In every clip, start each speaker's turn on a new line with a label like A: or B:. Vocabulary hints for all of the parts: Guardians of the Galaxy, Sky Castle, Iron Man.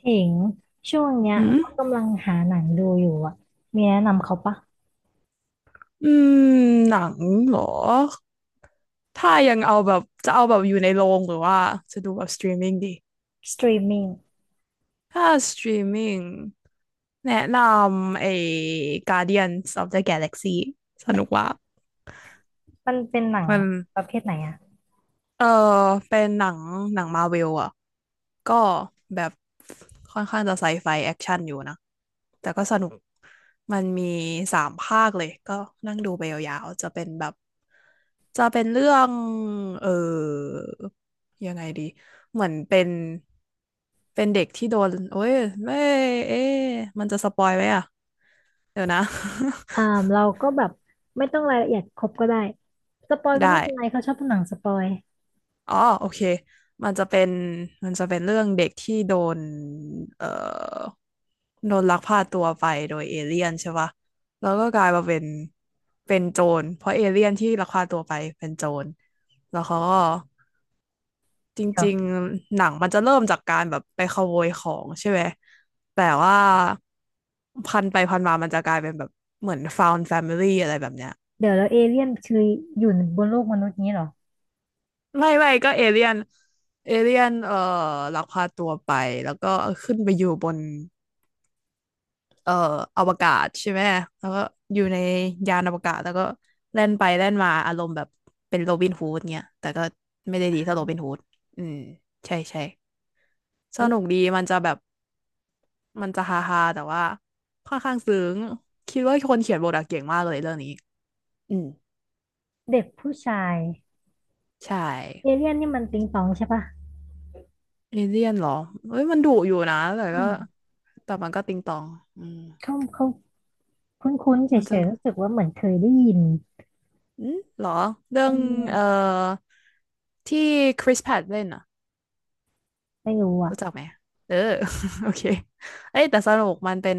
A: ถิงช่วงเนี้ย
B: อื
A: ก็
B: ม
A: กำลังหาหนังดูอยู่อ่ะมีแนะนำเขาปะ
B: อืมหนังเหรอ ถ้ายังเอาแบบจะเอาแบบอยู่ในโรงหรือว่าจะดูแบบสตรีมมิ่งดี
A: สตรีมมิ่ง
B: ถ้าสตรีมมิ่งแนะนำไอ้ Guardians of the Galaxy สนุกว่า
A: มันเป็นหนัง
B: มัน
A: ประเภทไหนอ่ะ
B: เออเป็นหนังหนังมาเวลอะ ก็แบบค่อนข้างจะไซไฟแอคชั่นอยู่นะแต่ก็สนุกมันมีสามภาคเลยก็นั่งดูไปยาวๆจะเป็นแบบจะเป็นเรื่องเออยังไงดีเหมือนเป็นเป็นเด็กที่โดนโอ้ยไม่เอ๊ะมันจะสปอยไหมอ่ะเดี๋ยวนะ
A: อ่าเราก็แบบไม่ต้องรายละเอียดครบก็ได้สปอยก็
B: ได้
A: ไม่เป็นไรเขาชอบดูหนังสปอย
B: อ๋อโอเคมันจะเป็นมันจะเป็นเรื่องเด็กที่โดนเอ่อโดนลักพาตัวไปโดยเอเลี่ยนใช่ปะแล้วก็กลายมาเป็นเป็นโจรเพราะเอเลี่ยนที่ลักพาตัวไปเป็นโจรแล้วเขาก็จ
A: เดี๋ยว
B: ริงๆหนังมันจะเริ่มจากการแบบไปขโมยของใช่ไหมแต่ว่าพันไปพันมามันจะกลายเป็นแบบเหมือน found family อะไรแบบเนี้ย
A: เดี๋ยวแล้วเอเลี่ยนคืออยู่บนโลกมนุษย์นี้เหรอ
B: ไม่ก็เอเลี่ยนเอเลี่ยนลักพาตัวไปแล้วก็ขึ้นไปอยู่บนเอ่ออวกาศใช่ไหมแล้วก็อยู่ในยานอวกาศแล้วก็แล่นไปแล่นมาอารมณ์แบบเป็นโรบินฮูดเนี่ยแต่ก็ไม่ได้ดีเท่าโรบินฮูดอืมใช่ใช่ส
A: แล้ว
B: นุกดีมันจะแบบมันจะฮาฮาแต่ว่าค่อนข้างซึ้งคิดว่าคนเขียนบทอะเก่งมากเลยเรื่องนี้อืม
A: เด็กผู้ชาย
B: ใช่
A: เอเลี่ยนนี่มันติงตองใช่ปะ
B: เอเลี่ยนเหรอเอ้ยมันดุอยู่นะแต่
A: อ้า
B: ก็
A: ว
B: แต่มันก็ติงตองอืม
A: เขาคุ้นๆเฉ
B: มันจะ
A: ยๆรู้สึกว่าเหมือนเคยได้ยิน
B: อืมหรอ เรื่อ
A: เอ
B: ง เอ่อ
A: อ
B: ที่คริสแพ t เล่นอ่ะ
A: ไม่รู้อ่ะ
B: รู้จักไหม เออ โอเคเอ้ยแต่สนุกมันเป็น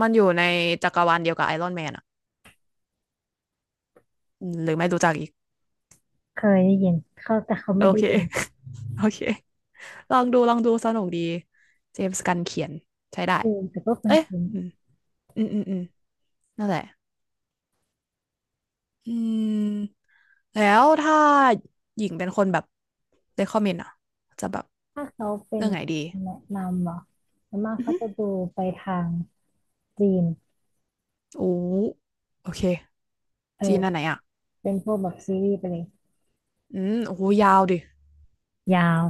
B: มันอยู่ในจักรวาลเดียวกับไอรอนแมนอ่ะอืมหรือไม่รู้จักอีก
A: เคยได้ยินเขาแต่เขา
B: โอ
A: ไม่ได้
B: เค
A: ดู
B: โอเค ลองดูลองดูสนุกดีเจมส์กันเขียนใช้ได้
A: เออแต่ก็ค
B: เอ้ย
A: ุ้น
B: อืม อืม อืม อืมนั่นแหละอืม แล้วถ้าหญิงเป็นคนแบบ recommend อ่ะจะแบบ
A: ถ้าเขาเป็
B: เรื่
A: น
B: องไหนดี
A: แนะนำเหรอส่วนมาก
B: อือ
A: เขา
B: ฮึ
A: จะดูไปทางจีน
B: โอ้โอเค
A: เออ
B: จีนอันไหนอ่ะ
A: เป็นพวกแบบซีรีส์ไปเลย
B: อืมโอ้โหยาวดิ
A: ยาว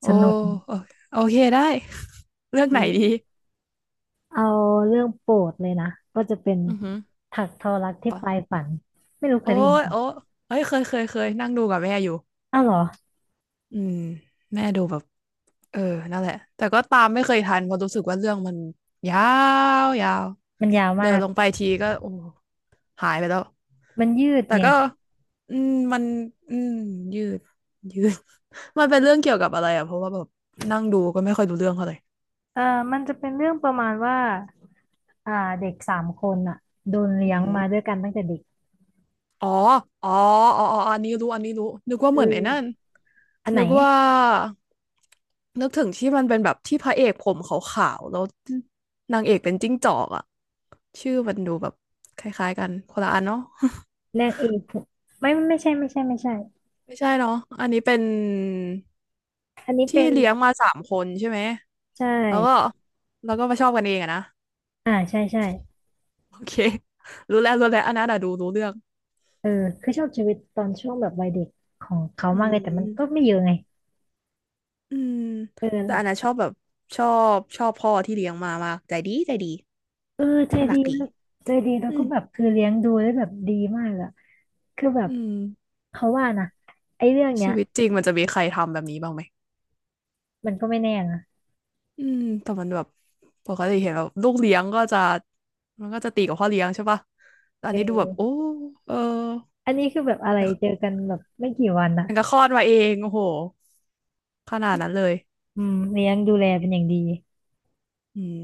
B: โอ้
A: สนุก
B: โอโอเคได้ เลือกไหนดี
A: เอาเรื่องโปรดเลยนะ ก็จะเป็น
B: อือหือ
A: ถักทอรักที่
B: ปะ
A: ปลายฝัน ไม่รู้เค
B: โอ้
A: ยได้ยิน
B: ย
A: เปล่ะ
B: โอ้เอ้ยเคยเคยเคยนั่งดูกับแม่อยู่
A: อ้าวเหรอ
B: อืมแม่ดูแบบเออนั่นแหละแต่ก็ตามไม่เคยทันเพราะรู้สึกว่าเรื่องมันยาวยาว
A: มันยาว
B: เดิ
A: มา
B: น
A: ก
B: ลงไปทีก็โอ้หายไปแล้ว
A: มันยืด
B: แต่
A: ไง
B: ก็ อืมมันอืมยืดยืด มันเป็นเรื่องเกี่ยวกับอะไรอ่ะเพราะว่าแบบนั่งดูก็ไม่ค่อยรู้เรื่องเท่าไหร่
A: เออมันจะเป็นเรื่องประมาณว่าอ่าเด็กสามคนอ่ะโดน
B: อื
A: เลี้ย
B: อ
A: ง
B: หือ
A: มาด้วยกันตั้งแต่เด็ก
B: อ๋ออ๋ออ๋ออันนี้รู้อันนี้รู้นึกว่า
A: คือ
B: เหมือนไอ้นั่น
A: อันไหน
B: นึกว่านึกถึงที่มันเป็นแบบที่พระเอกผมขาวๆแล้วนางเอกเป็นจิ้งจอกอะชื่อมันดูแบบคล้ายๆกันคนละอันเนาะ
A: เน่งเอกไม่ใช่
B: ไม่ใช่เนาะอันนี้เป็น
A: อันนี้
B: ที่
A: เป็น
B: เลี้ยงมาสามคนใช่ไหม
A: ใช่
B: แล้วก็แล้วก็มาชอบกันเองอะนะ
A: อ่าใช่ใช่
B: โอเค รู้แล้วรู้แล้วอันนั้นอะดูรู้เรื่อง
A: เออคือชอบชีวิตตอนช่วงแบบวัยเด็กของเขา
B: อื
A: มากเลยแต่มันก็
B: ม
A: ไม่เยอะไง
B: อืม
A: เออ
B: แต่อันนั้น
A: ละ
B: ชอบแบบชอบชอบพ่อที่เลี้ยงมามากใจดีใจดี
A: เออใจ
B: น่า
A: ดี
B: รักดี
A: นะใจดีแล้ว
B: อื
A: ก็
B: ม
A: แบบคือเลี้ยงดูได้แบบดีมากอะคือแบ
B: อื
A: บ
B: ม
A: เขาว่านะไอ้เรื่องเนี้
B: ชี
A: ย
B: วิตจริงมันจะมีใครทำแบบนี้บ้างไหม
A: มันก็ไม่แน่นะ
B: อืมแต่มันแบบปกติเห็นแบบลูกเลี้ยงก็จะ มันก็จะตีกับพ่อเลี้ยงใช่ปะแต่อันนี้ดูแบบ
A: เออ
B: โอ้เออ
A: อันนี้คือแบบอะ
B: ยัง
A: ไร
B: กั
A: เจอ
B: บ
A: กันแบบไม่กี่วันอะ
B: ยังกับคลอดมาเองโอ้โหขนาดนั้นเลย
A: อืมเลี้ยงดูแลเป็นอย่างดี
B: อืม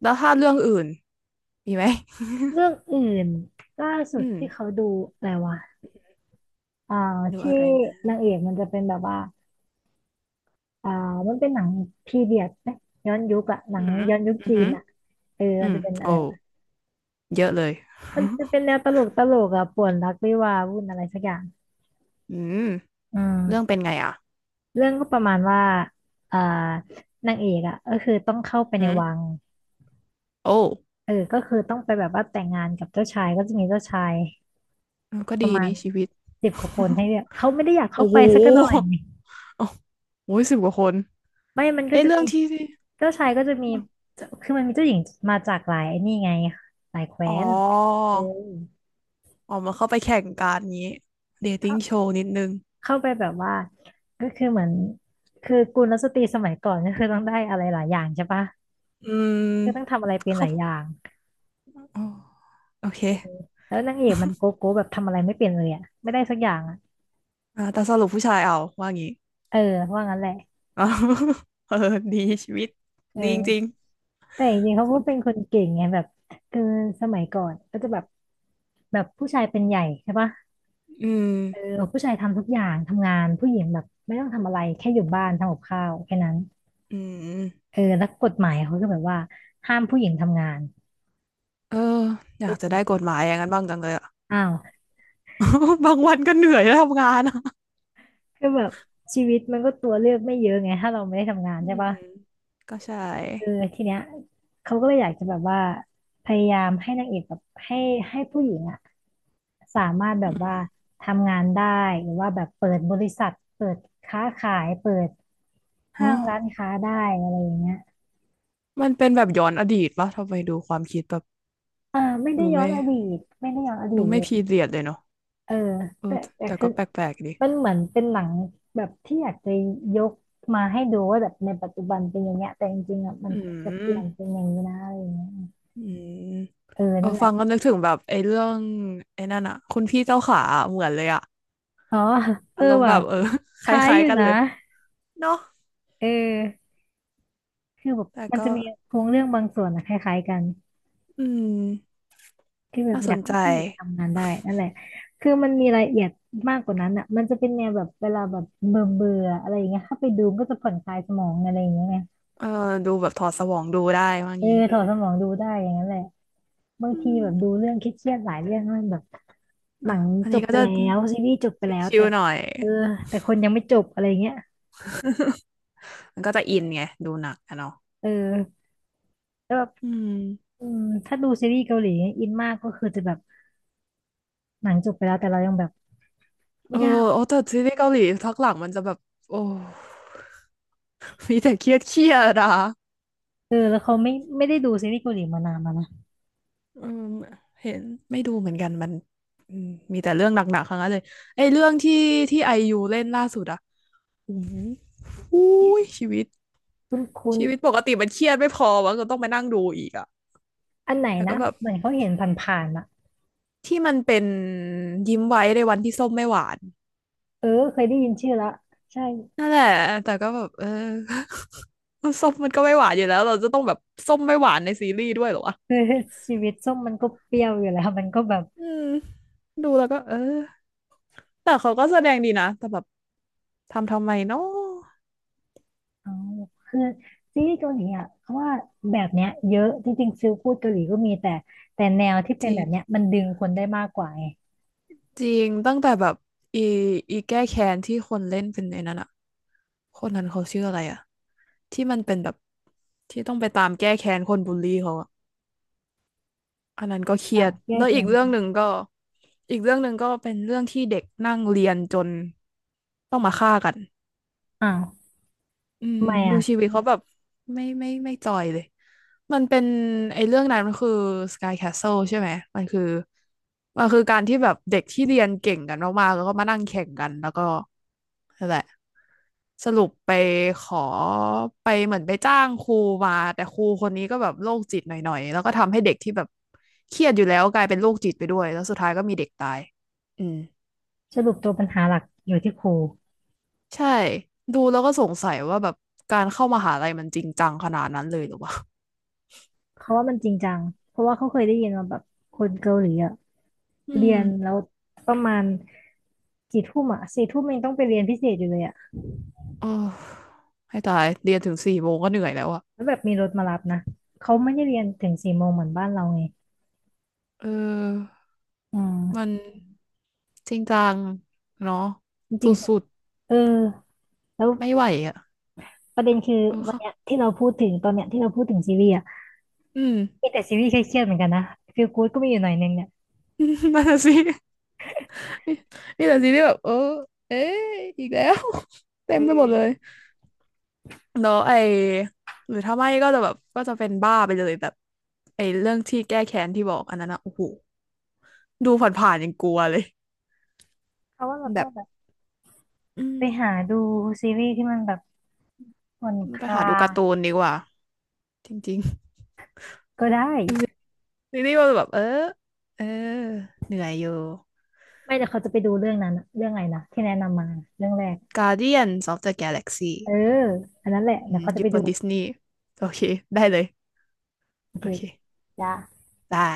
B: แล้วถ้าเรื่องอื่น มีไหม
A: เรื่องอื่นล่าสุ
B: อื
A: ด
B: ม
A: ที่เขาดูอะไรวะอ่า
B: ดู
A: ที่
B: อะไรมา
A: นางเอกมันจะเป็นแบบว่า อ่ามันเป็นหนังพีเรียดไหมย้อนยุคอะหนั
B: อื
A: ง
B: ม
A: ย้อนยุค
B: อือ
A: จี
B: หื
A: น
B: อ
A: อะเออ
B: อื
A: มัน
B: ม
A: จะเป็นอะ
B: โอ้
A: ไรนะ
B: เยอะเลย
A: มันจะเป็นแนวตลกอะป่วนรักวิวาห์วุ่นอะไรสักอย่าง
B: อืม
A: อื
B: เรื่อง
A: ม
B: เป็นไงอ่ะ
A: เรื่องก็ประมาณว่าอ่านางเอกอะก็คือต้องเข้าไป
B: อื
A: ในวัง
B: มโอ้
A: เออก็คือต้องไปแบบว่าแต่งงานกับเจ้าชายก็จะมีเจ้าชาย
B: ก็
A: ประ
B: ดี
A: มาณ
B: นี่ชีวิต
A: สิบกว่าคนให้เลือกเขาไม่ได้อยากเข้า
B: โอ้โห
A: ไปสักหน่อย
B: โอ้ยสิบกว่าคน
A: ไม่มัน
B: เอ้
A: ก็
B: ย
A: จะ
B: เรื่อ
A: มี
B: งที่
A: เจ้าชายก็จะมีคือมันมีเจ้าหญิงมาจากหลายไอ้นี่ไงหลายแคว้
B: อ๋อ
A: นเออ
B: อ๋อมันเข้าไปแข่งการนี้เดทติ้งโชว์นิดนึง
A: เข้าไปแบบว่าก็คือเหมือนคือกุลสตรีสมัยก่อนก็คือต้องได้อะไรหลายอย่างใช่ปะ
B: อืม
A: ก็ต้องทำอะไรเป็นห
B: เขา
A: ลายอย่าง
B: อ๋อโอเค
A: แล้วนางเอกมันโกโก้แบบทำอะไรไม่เป็นเลยอะไม่ได้สักอย่างอะ
B: อ่าแต่สรุปผู้ชายเอาว่างี้
A: เออว่างั้นแหละ
B: อ๋อเออดีชีวิต
A: เ
B: ดีจริง
A: ออแต่จริงๆเขา
B: ๆค
A: ก็
B: น
A: เป็นคนเก่งไงแบบคือสมัยก่อนก็จะแบบแบบผู้ชายเป็นใหญ่ใช่ปะ
B: อืม
A: เออผู้ชายทำทุกอย่างทำงานผู้หญิงแบบไม่ต้องทำอะไรแค่อยู่บ้านทำกับข้าวแค่นั้น
B: อืม
A: เออแล้วกฎหมายเขาก็แบบว่าห้ามผู้หญิงทำงาน
B: เอออยากจะได้กฎหมายอย่างนั้นบ้างจังเลยอะ
A: อ้าว
B: บางวันก็เหนื่อยแล้วทำงานอะ
A: คือแบบชีวิตมันก็ตัวเลือกไม่เยอะไงถ้าเราไม่ได้ทำงาน
B: อื
A: ใช่ปะ
B: มก็ใช่
A: เออทีเนี้ยเขาก็เลยอยากจะแบบว่าพยายามให้นางเอกแบบให้ให้ผู้หญิงอะสามารถแบ
B: อื
A: บว่า
B: ม
A: ทำงานได้หรือว่าแบบเปิดบริษัทเปิดค้าขายเปิดห้า
B: ฮะ
A: งร้านค้าได้อะไรอย่างเงี้ย
B: มันเป็นแบบย้อนอดีตปะทำไมดูความคิดแบบ
A: ไม่ได้
B: ดู
A: ย้อ
B: ไม่
A: นอดีตไม่ได้ย้อนอดี
B: ดู
A: ตเล
B: ไม่
A: ย
B: พีเรียดเลยเนาะ
A: เออ
B: เอ
A: แต่
B: อ
A: แต่
B: แต่
A: คื
B: ก็
A: อ
B: แปลกๆดี
A: มันเหมือนเป็นหนังแบบที่อยากจะยกมาให้ดูว่าแบบในปัจจุบันเป็นอย่างเงี้ยแต่จริงๆอ่ะมัน
B: อื
A: ควรจะเป
B: ม
A: ลี่ยนเป็นอย่างนี้นะอะไรอย่างเงี้ย
B: อืม
A: เออ
B: เออ
A: นั่นแห
B: ฟั
A: ละ
B: งก็นึกถึงแบบไอ้เรื่องไอ้นั่นอะคุณพี่เจ้าขาอะเหมือนเลยอะ
A: อ๋อเอ
B: อา
A: อ
B: รมณ์แบ
A: ว่ะ
B: บเออ
A: ค
B: ค
A: ล้าย
B: ล้า
A: อ
B: ย
A: ยู่
B: ๆกัน
A: นะ
B: เลยเนาะ
A: เออคือแบบ
B: แต่
A: มัน
B: ก็
A: จะมีโครงเรื่องบางส่วนอะคล้ายๆกัน
B: อืม
A: คือแบบ
B: น่า
A: อ
B: ส
A: ยาก
B: น
A: ให้
B: ใจ
A: ผู้หญิงทำงานได้นั่นแหละคือมันมีรายละเอียดมากกว่านั้นอ่ะมันจะเป็นแนวแบบเวลาแบบเบื่อเบื่ออะไรอย่างเงี้ยเข้าไปดูก็จะผ่อนคลายสมองอะไรอย่างเงี้ยไง
B: เออดูแบบถอดสมองดูได้ว่า
A: เออ
B: งี้
A: ถอดสมองดูได้อย่างนั้นแหละ บาง
B: อื
A: ที
B: ม
A: แบบดูเรื่องเครียดๆหลายเรื่องมันแบบห
B: อ่ะ
A: นัง
B: อัน
A: จ
B: นี้
A: บ
B: ก็
A: ไป
B: จะ
A: แล้วซีรีส์จบไปแล้ว
B: ชิ
A: แต่
B: วๆหน่อย
A: เออแต่คนยังไม่จบอะไรเงี้ย
B: มันก็จะอินไงดูหนักอะเนาะ
A: เออแล้วแบบ
B: อืม
A: อืมถ้าดูซีรีส์เกาหลีอินมากก็คือจะแบบหนังจบไปแล้วแต่เรายังแบบ
B: เอ
A: ไม่
B: อ
A: ได้
B: โอ้แต่ซีรีส์เกาหลีทักหลังมันจะแบบโอ้ มีแต่เครียดเครียดอะ
A: เออแล้วเขาไม่ได้ดูซีรีส์เกาหลีมานานแล้วนะ
B: เออเห็นไม่ดูเหมือนกันมันอืมมีแต่เรื่องหนักๆทั้งนั้นเลยไอ้เรื่องที่ไอยูเล่นล่าสุดอะอู้หูอุ้ยชีวิต
A: คุณ
B: ชีวิตปกติมันเครียดไม่พอวะก็ต้องไปนั่งดูอีกอะ
A: อันไหน
B: แต่ก็
A: นะ
B: แบบ
A: เหมือนเขาเห็นผ่านๆอ่ะ
B: ที่มันเป็นยิ้มไว้ในวันที่ส้มไม่หวาน
A: เออเคยได้ยินชื่อแล้วใช่
B: นั่นแหละแต่ก็แบบเออ ส้มมันก็ไม่หวานอยู่แล้วเราจะต้องแบบส้มไม่หวานในซีรีส์ด้วยเหรอวะ
A: คือชีวิตส้มมันก็เปรี้ยวอยู่แล้วมันก็แบบ
B: อืมดูแล้วก็เออแต่เขาก็แสดงดีนะแต่แบบทำไมเนาะ
A: อ๋อคือซีรีส์เกาหลีอ่ะเพราะว่าแบบเนี้ยเยอะจริงๆซิลพูดเกาหลีก็มีแต่แต่แนวที่
B: จ
A: เป็น
B: ริ
A: แบ
B: ง
A: บเนี้ยมันดึงคนได้มากกว่าไง
B: จริงตั้งแต่แบบอีอีแก้แค้นที่คนเล่นเป็นในนั้นอะคนนั้นเขาชื่ออะไรอะที่มันเป็นแบบที่ต้องไปตามแก้แค้นคนบูลลี่เขาอะอันนั้นก็เครี
A: ตา
B: ย
A: ม
B: ด
A: แย
B: แล้
A: ก
B: วอี
A: นั้
B: ก
A: น
B: เรื่องหนึ่งก็อีกเรื่องหนึ่งก็เป็นเรื่องที่เด็กนั่งเรียนจนต้องมาฆ่ากัน
A: อ้าว
B: อืม
A: ทำไม
B: ดู
A: อ่ะ
B: ชีวิตเขาแบบไม่จอยเลยมันเป็นไอ้เรื่องนั้นมันคือ Sky Castle ใช่ไหมมันคือมันคือการที่แบบเด็กที่เรียนเก่งกันมากๆแล้วก็มานั่งแข่งกันแล้วก็นั่นแหละสรุปไปขอไปเหมือนไปจ้างครูมาแต่ครูคนนี้ก็แบบโรคจิตหน่อยๆแล้วก็ทำให้เด็กที่แบบเครียดอยู่แล้วกลายเป็นโรคจิตไปด้วยแล้วสุดท้ายก็มีเด็กตายอืม
A: สรุปตัวปัญหาหลักอยู่ที่ครู
B: ใช่ดูแล้วก็สงสัยว่าแบบการเข้ามหาลัยมันจริงจังขนาดนั้นเลยหรือวะ
A: เขาว่ามันจริงจังเพราะว่าเขาเคยได้ยินมาแบบคนเกาหลีอ่ะ
B: อื
A: เรี
B: ม
A: ยนแล้วประมาณกี่ทุ่มอ่ะสี่ทุ่มยังต้องไปเรียนพิเศษอยู่เลยอ่ะ
B: โอ้ให้ตายเรียนถึง4 โมงก็เหนื่อยแล้วอะ
A: แล้วแบบมีรถมารับนะเขาไม่ได้เรียนถึงสี่โมงเหมือนบ้านเราไง
B: เออ
A: อื
B: มั
A: ม
B: นจริงจังเนาะ
A: จ
B: ส
A: ริง
B: ุด
A: ๆเออแล้ว
B: ๆไม่ไหวอะ
A: ประเด็นคือ
B: เออ
A: วัน
B: ค่ะ
A: เนี้ยที่เราพูดถึงตอนเนี้ยที่เราพูดถึงซีรีส์อ่ะ
B: อืม
A: มีแต่ซีรีส์เครียดๆเหมือนกันนะฟีลกู๊ดก็มีอยู่หน่อยนึงเนี่ย
B: นั่นน่ะสินี่แหละสิที่แบบเออเอ๊ะอีกแล้ว เต็
A: อื
B: มไปหมดเลย
A: ม
B: แล้วไอหรือถ้าไม่ก็จะแบบก็จะเป็นบ้าไปเลยแบบไอเรื่องที่แก้แค้นที่บอกอันนั้นอะโอ้โหดูผ่านๆยังกลัวเลย
A: เพราะว่าเรา
B: แบ
A: ต้อง
B: บ
A: แบบ
B: อืม
A: ไปหาดูซีรีส์ที่มันแบบผ่อนค
B: ไปหา
A: ลา
B: ดูการ์ตูน
A: ย
B: ดีกว่าจริง
A: ก็ได้
B: ๆดู ซีรีส์มันแบบเออเออเหนื่อยอยู่
A: ไม่แต่เขาจะไปดูเรื่องนั้นอะเรื่องอะไรนะที่แนะนำมาเรื่องแรก
B: Guardians of the
A: เออ
B: Galaxy
A: อันนั้นแหละ
B: อื
A: เดี๋ยว
B: ม
A: เขา
B: อ
A: จะ
B: ยู่
A: ไป
B: บ
A: ดู
B: นดิสนีย์โอเคได้เลย
A: โอเค
B: โอเค
A: จ้ะ
B: ได้